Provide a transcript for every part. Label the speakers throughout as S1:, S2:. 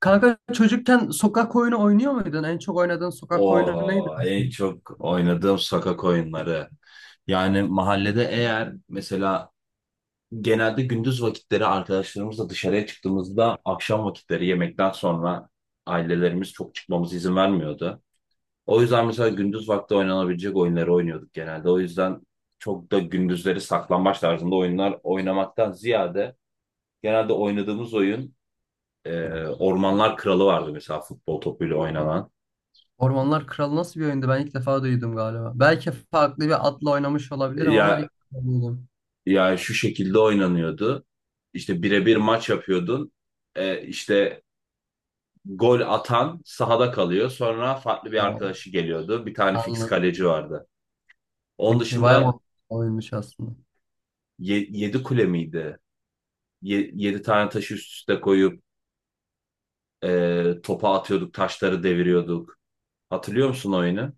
S1: Kanka çocukken sokak oyunu oynuyor muydun? En çok oynadığın sokak oyunu neydi?
S2: O en
S1: mesela?
S2: çok oynadığım sokak oyunları. Yani mahallede, eğer mesela genelde gündüz vakitleri arkadaşlarımızla dışarıya çıktığımızda akşam vakitleri yemekten sonra ailelerimiz çok çıkmamıza izin vermiyordu. O yüzden mesela gündüz vakti oynanabilecek oyunları oynuyorduk genelde. O yüzden çok da gündüzleri saklambaç tarzında oyunlar oynamaktan ziyade genelde oynadığımız oyun Ormanlar Kralı vardı, mesela futbol topuyla oynanan.
S1: Ormanlar Kralı nasıl bir oyundu? Ben ilk defa duydum galiba. Belki farklı bir adla oynamış olabilirim
S2: Ya
S1: ama ilk defa duydum.
S2: Yani şu şekilde oynanıyordu. İşte birebir maç yapıyordun. İşte gol atan sahada kalıyor. Sonra farklı bir
S1: Wow.
S2: arkadaşı geliyordu. Bir tane fix
S1: Anladım.
S2: kaleci vardı. Onun
S1: Okey bayağı
S2: dışında
S1: mantıklı oyunmuş aslında.
S2: 7 kule miydi? 7 tane taşı üst üste koyup topa atıyorduk, taşları deviriyorduk. Hatırlıyor musun oyunu?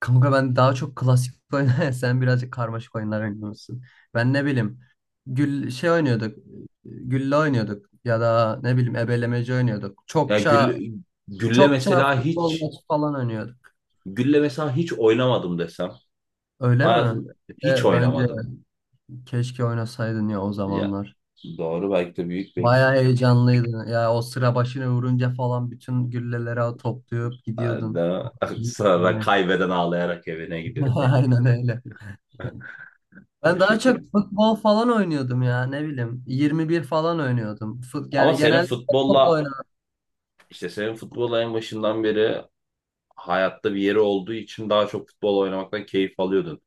S1: Kanka ben daha çok klasik oynar. Sen birazcık karmaşık oyunlar oynuyorsun. Ben ne bileyim. Şey oynuyorduk. Gülle oynuyorduk. Ya da ne bileyim ebelemeci oynuyorduk.
S2: Ya gül, gülle
S1: Çokça
S2: mesela
S1: futbol
S2: hiç
S1: maçı falan oynuyorduk.
S2: Gülle mesela hiç oynamadım desem.
S1: Öyle mi?
S2: Hayatım hiç
S1: Bence
S2: oynamadım.
S1: keşke oynasaydın ya o
S2: Ya,
S1: zamanlar.
S2: doğru, belki de büyük bir
S1: Bayağı
S2: eksik.
S1: heyecanlıydın. Ya o sıra başına vurunca falan bütün gülleleri toplayıp gidiyordun.
S2: Aynen.
S1: Hiç
S2: Sonra
S1: bile.
S2: kaybeden ağlayarak evine gidiyordu.
S1: Aynen öyle.
S2: O
S1: Ben daha çok
S2: şekil.
S1: futbol falan oynuyordum ya ne bileyim. 21 falan oynuyordum.
S2: Ama
S1: Yani
S2: senin
S1: genelde topla
S2: futbolla
S1: oynardım.
S2: işte senin futbolla en başından beri hayatta bir yeri olduğu için daha çok futbol oynamaktan keyif alıyordun.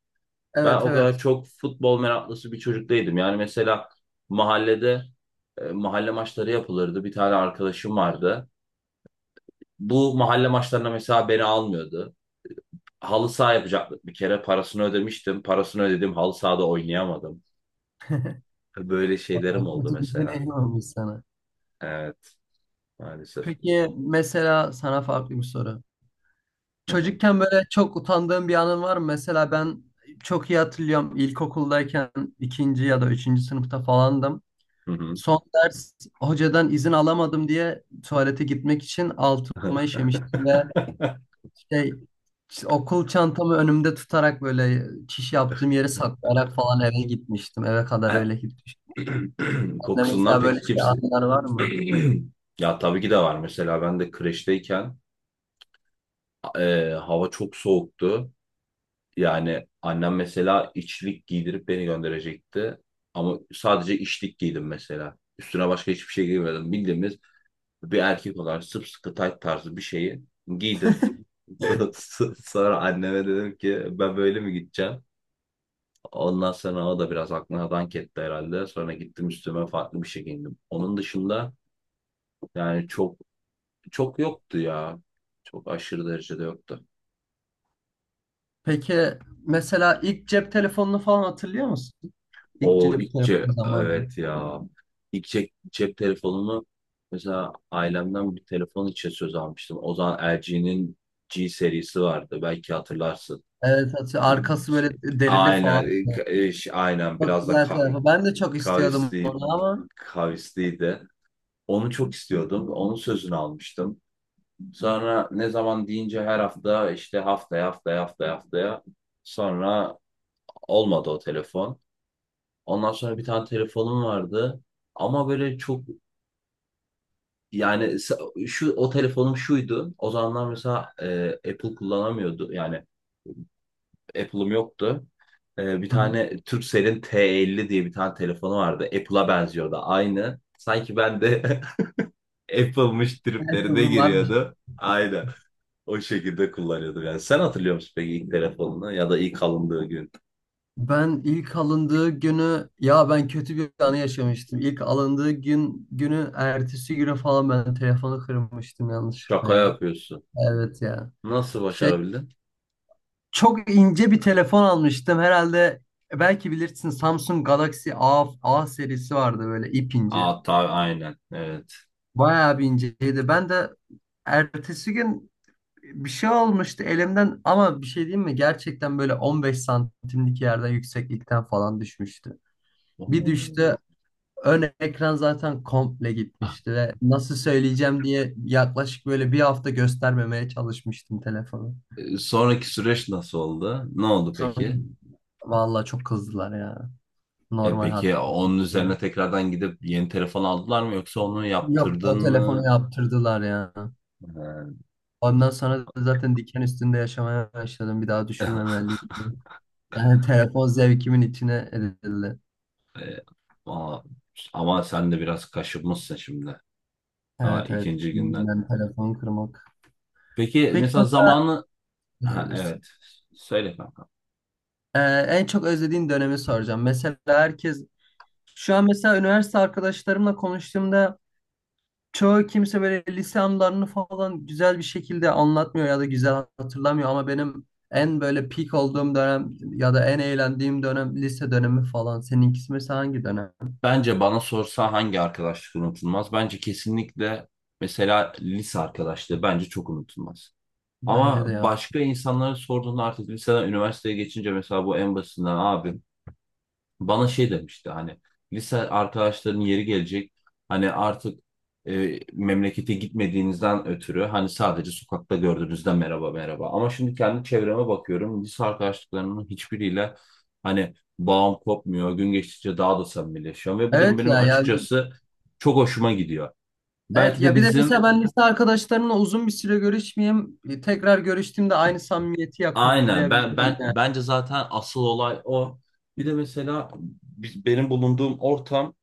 S2: Ben
S1: Evet,
S2: o kadar
S1: evet.
S2: çok futbol meraklısı bir çocuk değildim. Yani mesela mahallede, mahalle maçları yapılırdı. Bir tane arkadaşım vardı. Bu mahalle maçlarına mesela beni almıyordu. Halı saha yapacaktık bir kere. Parasını ödemiştim. Parasını ödedim. Halı sahada oynayamadım. Böyle şeylerim oldu
S1: Kötü bir
S2: mesela.
S1: deneyim olmuş sana.
S2: Evet. Maalesef.
S1: Peki mesela sana farklı bir soru.
S2: Hı hı.
S1: Çocukken böyle çok utandığım bir anın var mı? Mesela ben çok iyi hatırlıyorum ilkokuldayken ikinci ya da üçüncü sınıfta falandım.
S2: Hı hı.
S1: Son ders hocadan izin alamadım diye tuvalete gitmek için altıma işemiştim ve şey, okul çantamı önümde tutarak böyle çiş yaptığım yeri saklayarak falan eve gitmiştim. Eve kadar öyle gitmiştim. Sende
S2: Kokusundan
S1: mesela böyle
S2: peki
S1: şey
S2: kimse...
S1: anlar var mı?
S2: Ya, tabii ki de var. Mesela ben de kreşteyken hava çok soğuktu. Yani annem mesela içlik giydirip beni gönderecekti. Ama sadece içlik giydim mesela. Üstüne başka hiçbir şey giymedim. Bildiğimiz bir erkek olarak sımsıkı tayt tarzı bir şeyi giydim. Sonra anneme dedim ki ben böyle mi gideceğim? Ondan sonra o da biraz aklına dank etti herhalde. Sonra gittim üstüme farklı bir şey giyindim. Onun dışında yani çok çok yoktu ya. Çok aşırı derecede yoktu.
S1: Peki mesela ilk cep telefonunu falan hatırlıyor musun? İlk cep telefonu zamanı.
S2: Evet ya. İlk cep telefonunu, mesela ailemden bir telefon için söz almıştım. O zaman LG'nin G serisi vardı. Belki hatırlarsın.
S1: Evet atıyor. Arkası böyle derili falan.
S2: Aynen, aynen,
S1: Çok
S2: biraz da
S1: güzel tarafı. Ben de çok istiyordum
S2: kavisli,
S1: onu ama
S2: kavisliydi. Onu çok istiyordum. Onun sözünü almıştım. Sonra ne zaman deyince her hafta işte haftaya, haftaya, haftaya, haftaya, sonra olmadı o telefon. Ondan sonra bir tane telefonum vardı, ama böyle çok, yani sa- şu o telefonum şuydu. O zamanlar mesela Apple kullanamıyordu, yani Apple'ım yoktu. Bir
S1: hı hı.
S2: tane Turkcell'in T50 diye bir tane telefonu vardı. Apple'a benziyordu aynı. Sanki ben de Apple'mış
S1: Evet,
S2: triplerine
S1: uygun varmış.
S2: giriyordu. Aynen. O şekilde kullanıyorduk yani. Sen hatırlıyor musun peki ilk telefonunu ya da ilk alındığı gün?
S1: Ben ilk alındığı günü ya ben kötü bir anı yaşamıştım. İlk alındığı gün günü ertesi güne falan ben telefonu kırmıştım yanlışlıkla
S2: Şaka
S1: ya.
S2: yapıyorsun.
S1: Evet ya.
S2: Nasıl
S1: Şey
S2: başarabildin?
S1: Çok ince bir telefon almıştım herhalde. Belki bilirsin Samsung Galaxy A, A serisi vardı böyle ip ince.
S2: Aa, tabii, aynen. Evet.
S1: Bayağı bir inceydi. Ben de ertesi gün bir şey olmuştu elimden ama bir şey diyeyim mi? Gerçekten böyle 15 santimlik yerden yükseklikten falan düşmüştü. Bir
S2: Hmm.
S1: düştü, ön ekran zaten komple
S2: Ah,
S1: gitmişti ve nasıl söyleyeceğim diye yaklaşık böyle bir hafta göstermemeye çalışmıştım telefonu.
S2: sonraki süreç nasıl oldu? Ne oldu
S1: Sonra
S2: peki?
S1: vallahi çok kızdılar ya.
S2: E
S1: Normal haklı.
S2: peki onun üzerine tekrardan gidip yeni telefon aldılar mı yoksa onu
S1: Yok
S2: yaptırdın
S1: o telefonu
S2: mı?
S1: yaptırdılar ya.
S2: Ee,
S1: Ondan sonra da zaten diken üstünde yaşamaya başladım. Bir daha düşürmemeliyim. Yani telefon zevkimin içine edildi.
S2: e, ama, ama sen de biraz kaşınmışsın şimdi. Daha
S1: Evet, evet.
S2: ikinci günden.
S1: Kimden telefon kırmak.
S2: Peki
S1: Peki
S2: mesela zamanı... Ha, evet. Söyle.
S1: e, en çok özlediğin dönemi soracağım. Mesela herkes şu an mesela üniversite arkadaşlarımla konuştuğumda çoğu kimse böyle lise anılarını falan güzel bir şekilde anlatmıyor ya da güzel hatırlamıyor ama benim en böyle peak olduğum dönem ya da en eğlendiğim dönem lise dönemi falan. Seninkisi mesela hangi dönem?
S2: Bence bana sorsa hangi arkadaşlık unutulmaz? Bence kesinlikle mesela lise arkadaşlığı bence çok unutulmaz. Ama
S1: Bence de ya.
S2: başka insanlara sorduğunda artık liseden üniversiteye geçince, mesela bu en basitinden abi bana şey demişti hani lise arkadaşlarının yeri gelecek, hani artık memlekete gitmediğinizden ötürü hani sadece sokakta gördüğünüzde merhaba merhaba, ama şimdi kendi çevreme bakıyorum lise arkadaşlıklarımın hiçbiriyle hani bağım kopmuyor, gün geçtikçe daha da samimileşiyorum ve bu durum
S1: Evet
S2: benim
S1: ya ya
S2: açıkçası çok hoşuma gidiyor.
S1: Evet
S2: Belki de
S1: ya, bir de
S2: bizim,
S1: mesela ben lise arkadaşlarımla uzun bir süre görüşmeyeyim. Tekrar görüştüğümde aynı samimiyeti
S2: aynen, ben
S1: yakalayabilirim
S2: ben
S1: yani.
S2: bence zaten asıl olay o. Bir de mesela benim bulunduğum ortam.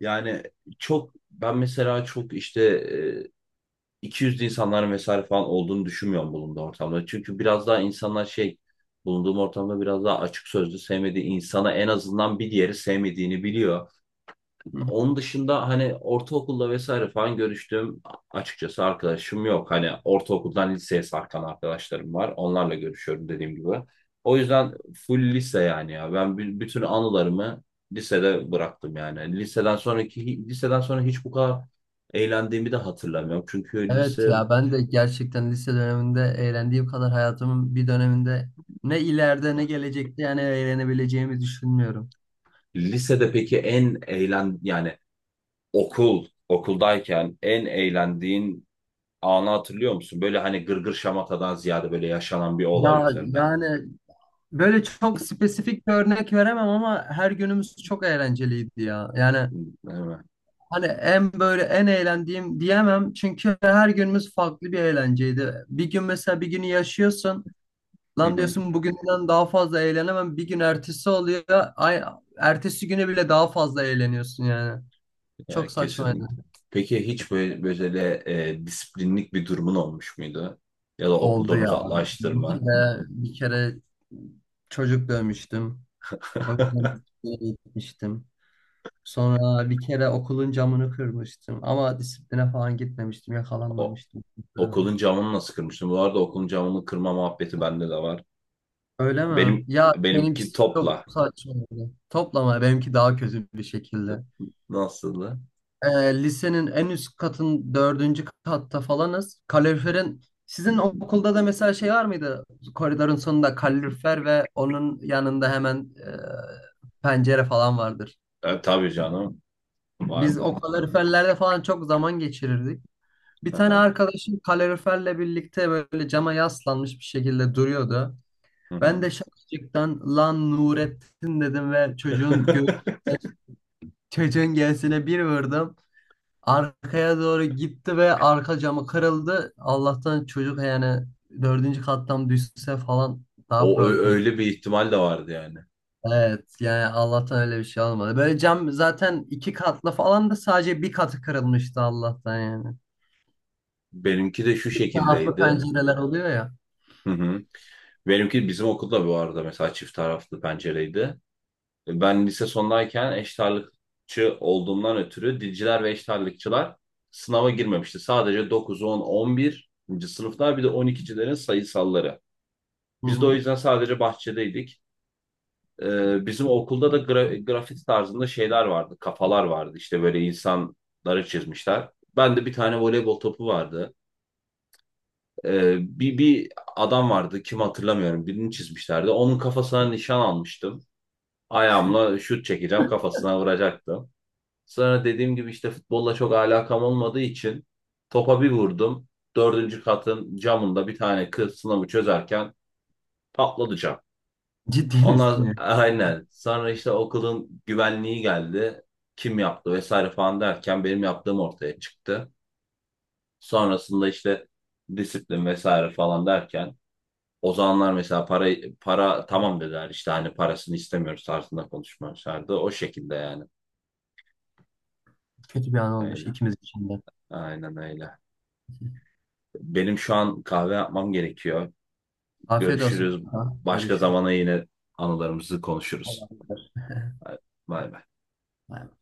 S2: Yani çok, ben mesela çok işte 200'lü insanların vesaire falan olduğunu düşünmüyorum bulunduğum ortamda. Çünkü biraz daha insanlar şey, bulunduğum ortamda biraz daha açık sözlü, sevmediği insana en azından bir diğeri sevmediğini biliyor.
S1: Hı hı.
S2: Onun dışında hani ortaokulda vesaire falan görüştüğüm açıkçası arkadaşım yok. Hani ortaokuldan liseye sarkan arkadaşlarım var. Onlarla görüşüyorum dediğim gibi. O yüzden full lise yani ya. Ben bütün anılarımı lisede bıraktım yani. Liseden sonra hiç bu kadar eğlendiğimi de hatırlamıyorum. Çünkü
S1: Evet
S2: lise
S1: ya, ben de gerçekten lise döneminde eğlendiğim kadar hayatımın bir döneminde ne ileride ne gelecekte yani eğlenebileceğimi düşünmüyorum.
S2: lisede peki en eğlen yani Okuldayken en eğlendiğin anı hatırlıyor musun? Böyle hani gırgır şamatadan ziyade böyle yaşanan bir olay
S1: Ya
S2: üzerine.
S1: yani böyle çok spesifik bir örnek veremem ama her günümüz çok eğlenceliydi ya. Yani
S2: Değil mi?
S1: hani en böyle en eğlendiğim diyemem çünkü her günümüz farklı bir eğlenceydi. Bir gün mesela bir günü yaşıyorsun.
S2: Hı
S1: Lan
S2: hı.
S1: diyorsun bugünden daha fazla eğlenemem. Bir gün ertesi oluyor. Ay, ertesi güne bile daha fazla eğleniyorsun yani. Çok
S2: Yani
S1: saçmaydı.
S2: kesinlikle. Peki hiç böyle disiplinlik bir durumun olmuş muydu? Ya da
S1: Oldu
S2: okuldan
S1: ya.
S2: uzaklaştırma.
S1: Bir kere çocuk dövmüştüm. O yüzden disipline gitmiştim. Sonra bir kere okulun camını kırmıştım. Ama disipline falan gitmemiştim.
S2: O,
S1: Yakalanmamıştım.
S2: okulun camını nasıl kırmıştın? Bu arada okulun camını kırma muhabbeti bende de var.
S1: Öyle mi?
S2: Benim
S1: Ya
S2: Benimki
S1: benimkisi çok
S2: topla.
S1: saçmaydı. Toplama benimki daha kötü bir şekilde.
S2: Nasıldı?
S1: e, Lisenin en üst katın dördüncü katta falanız. Kaloriferin sizin okulda da mesela şey var mıydı? Koridorun sonunda kalorifer ve onun yanında hemen pencere falan vardır.
S2: Tabii canım,
S1: Biz
S2: vardı.
S1: o kaloriferlerde falan çok zaman geçirirdik. Bir tane
S2: Aha,
S1: arkadaşım kaloriferle birlikte böyle cama yaslanmış bir şekilde duruyordu.
S2: hı
S1: Ben
S2: hı.
S1: de şakacıktan lan Nurettin dedim ve çocuğun göğsüne bir vurdum. Arkaya doğru gitti ve arka camı kırıldı. Allah'tan çocuk yani dördüncü kattan düşse falan daha problem.
S2: Öyle bir ihtimal de vardı yani.
S1: Evet yani Allah'tan öyle bir şey olmadı. Böyle cam zaten iki katlı falan da sadece bir katı kırılmıştı Allah'tan yani.
S2: Benimki de şu
S1: İki taraflı
S2: şekildeydi.
S1: pencereler oluyor ya.
S2: Hı hı. Benimki, bizim okulda bu arada mesela çift taraflı pencereydi. Ben lise sondayken eşit ağırlıkçı olduğumdan ötürü dilciler ve eşit ağırlıkçılar sınava girmemişti. Sadece dokuz, on, 11. sınıflar, bir de 12'cilerin sayısalları.
S1: Hı
S2: Biz de o
S1: hı.
S2: yüzden sadece bahçedeydik. Bizim okulda da grafiti tarzında şeyler vardı, kafalar vardı. İşte böyle insanları çizmişler. Ben de bir tane voleybol topu vardı. Bir adam vardı, kim hatırlamıyorum, birini çizmişlerdi. Onun kafasına nişan almıştım. Ayağımla şut çekeceğim, kafasına vuracaktım. Sonra dediğim gibi işte futbolla çok alakam olmadığı için topa bir vurdum. Dördüncü katın camında bir tane kız sınavı çözerken patladı cam.
S1: Ciddi
S2: Onlar
S1: misin ya?
S2: aynen. Sonra işte okulun güvenliği geldi. Kim yaptı vesaire falan derken benim yaptığım ortaya çıktı. Sonrasında işte disiplin vesaire falan derken o zamanlar mesela para tamam dediler, işte hani parasını istemiyoruz tarzında konuşmamışlardı. O şekilde yani.
S1: Kötü bir an olmuş
S2: Öyle.
S1: ikimiz için de.
S2: Aynen öyle. Benim şu an kahve yapmam gerekiyor.
S1: Afiyet olsun.
S2: Görüşürüz.
S1: Ha,
S2: Başka
S1: görüşürüz.
S2: zamana yine anılarımızı
S1: Allah'a
S2: konuşuruz.
S1: emanet.
S2: Bay bay.
S1: Bay bay.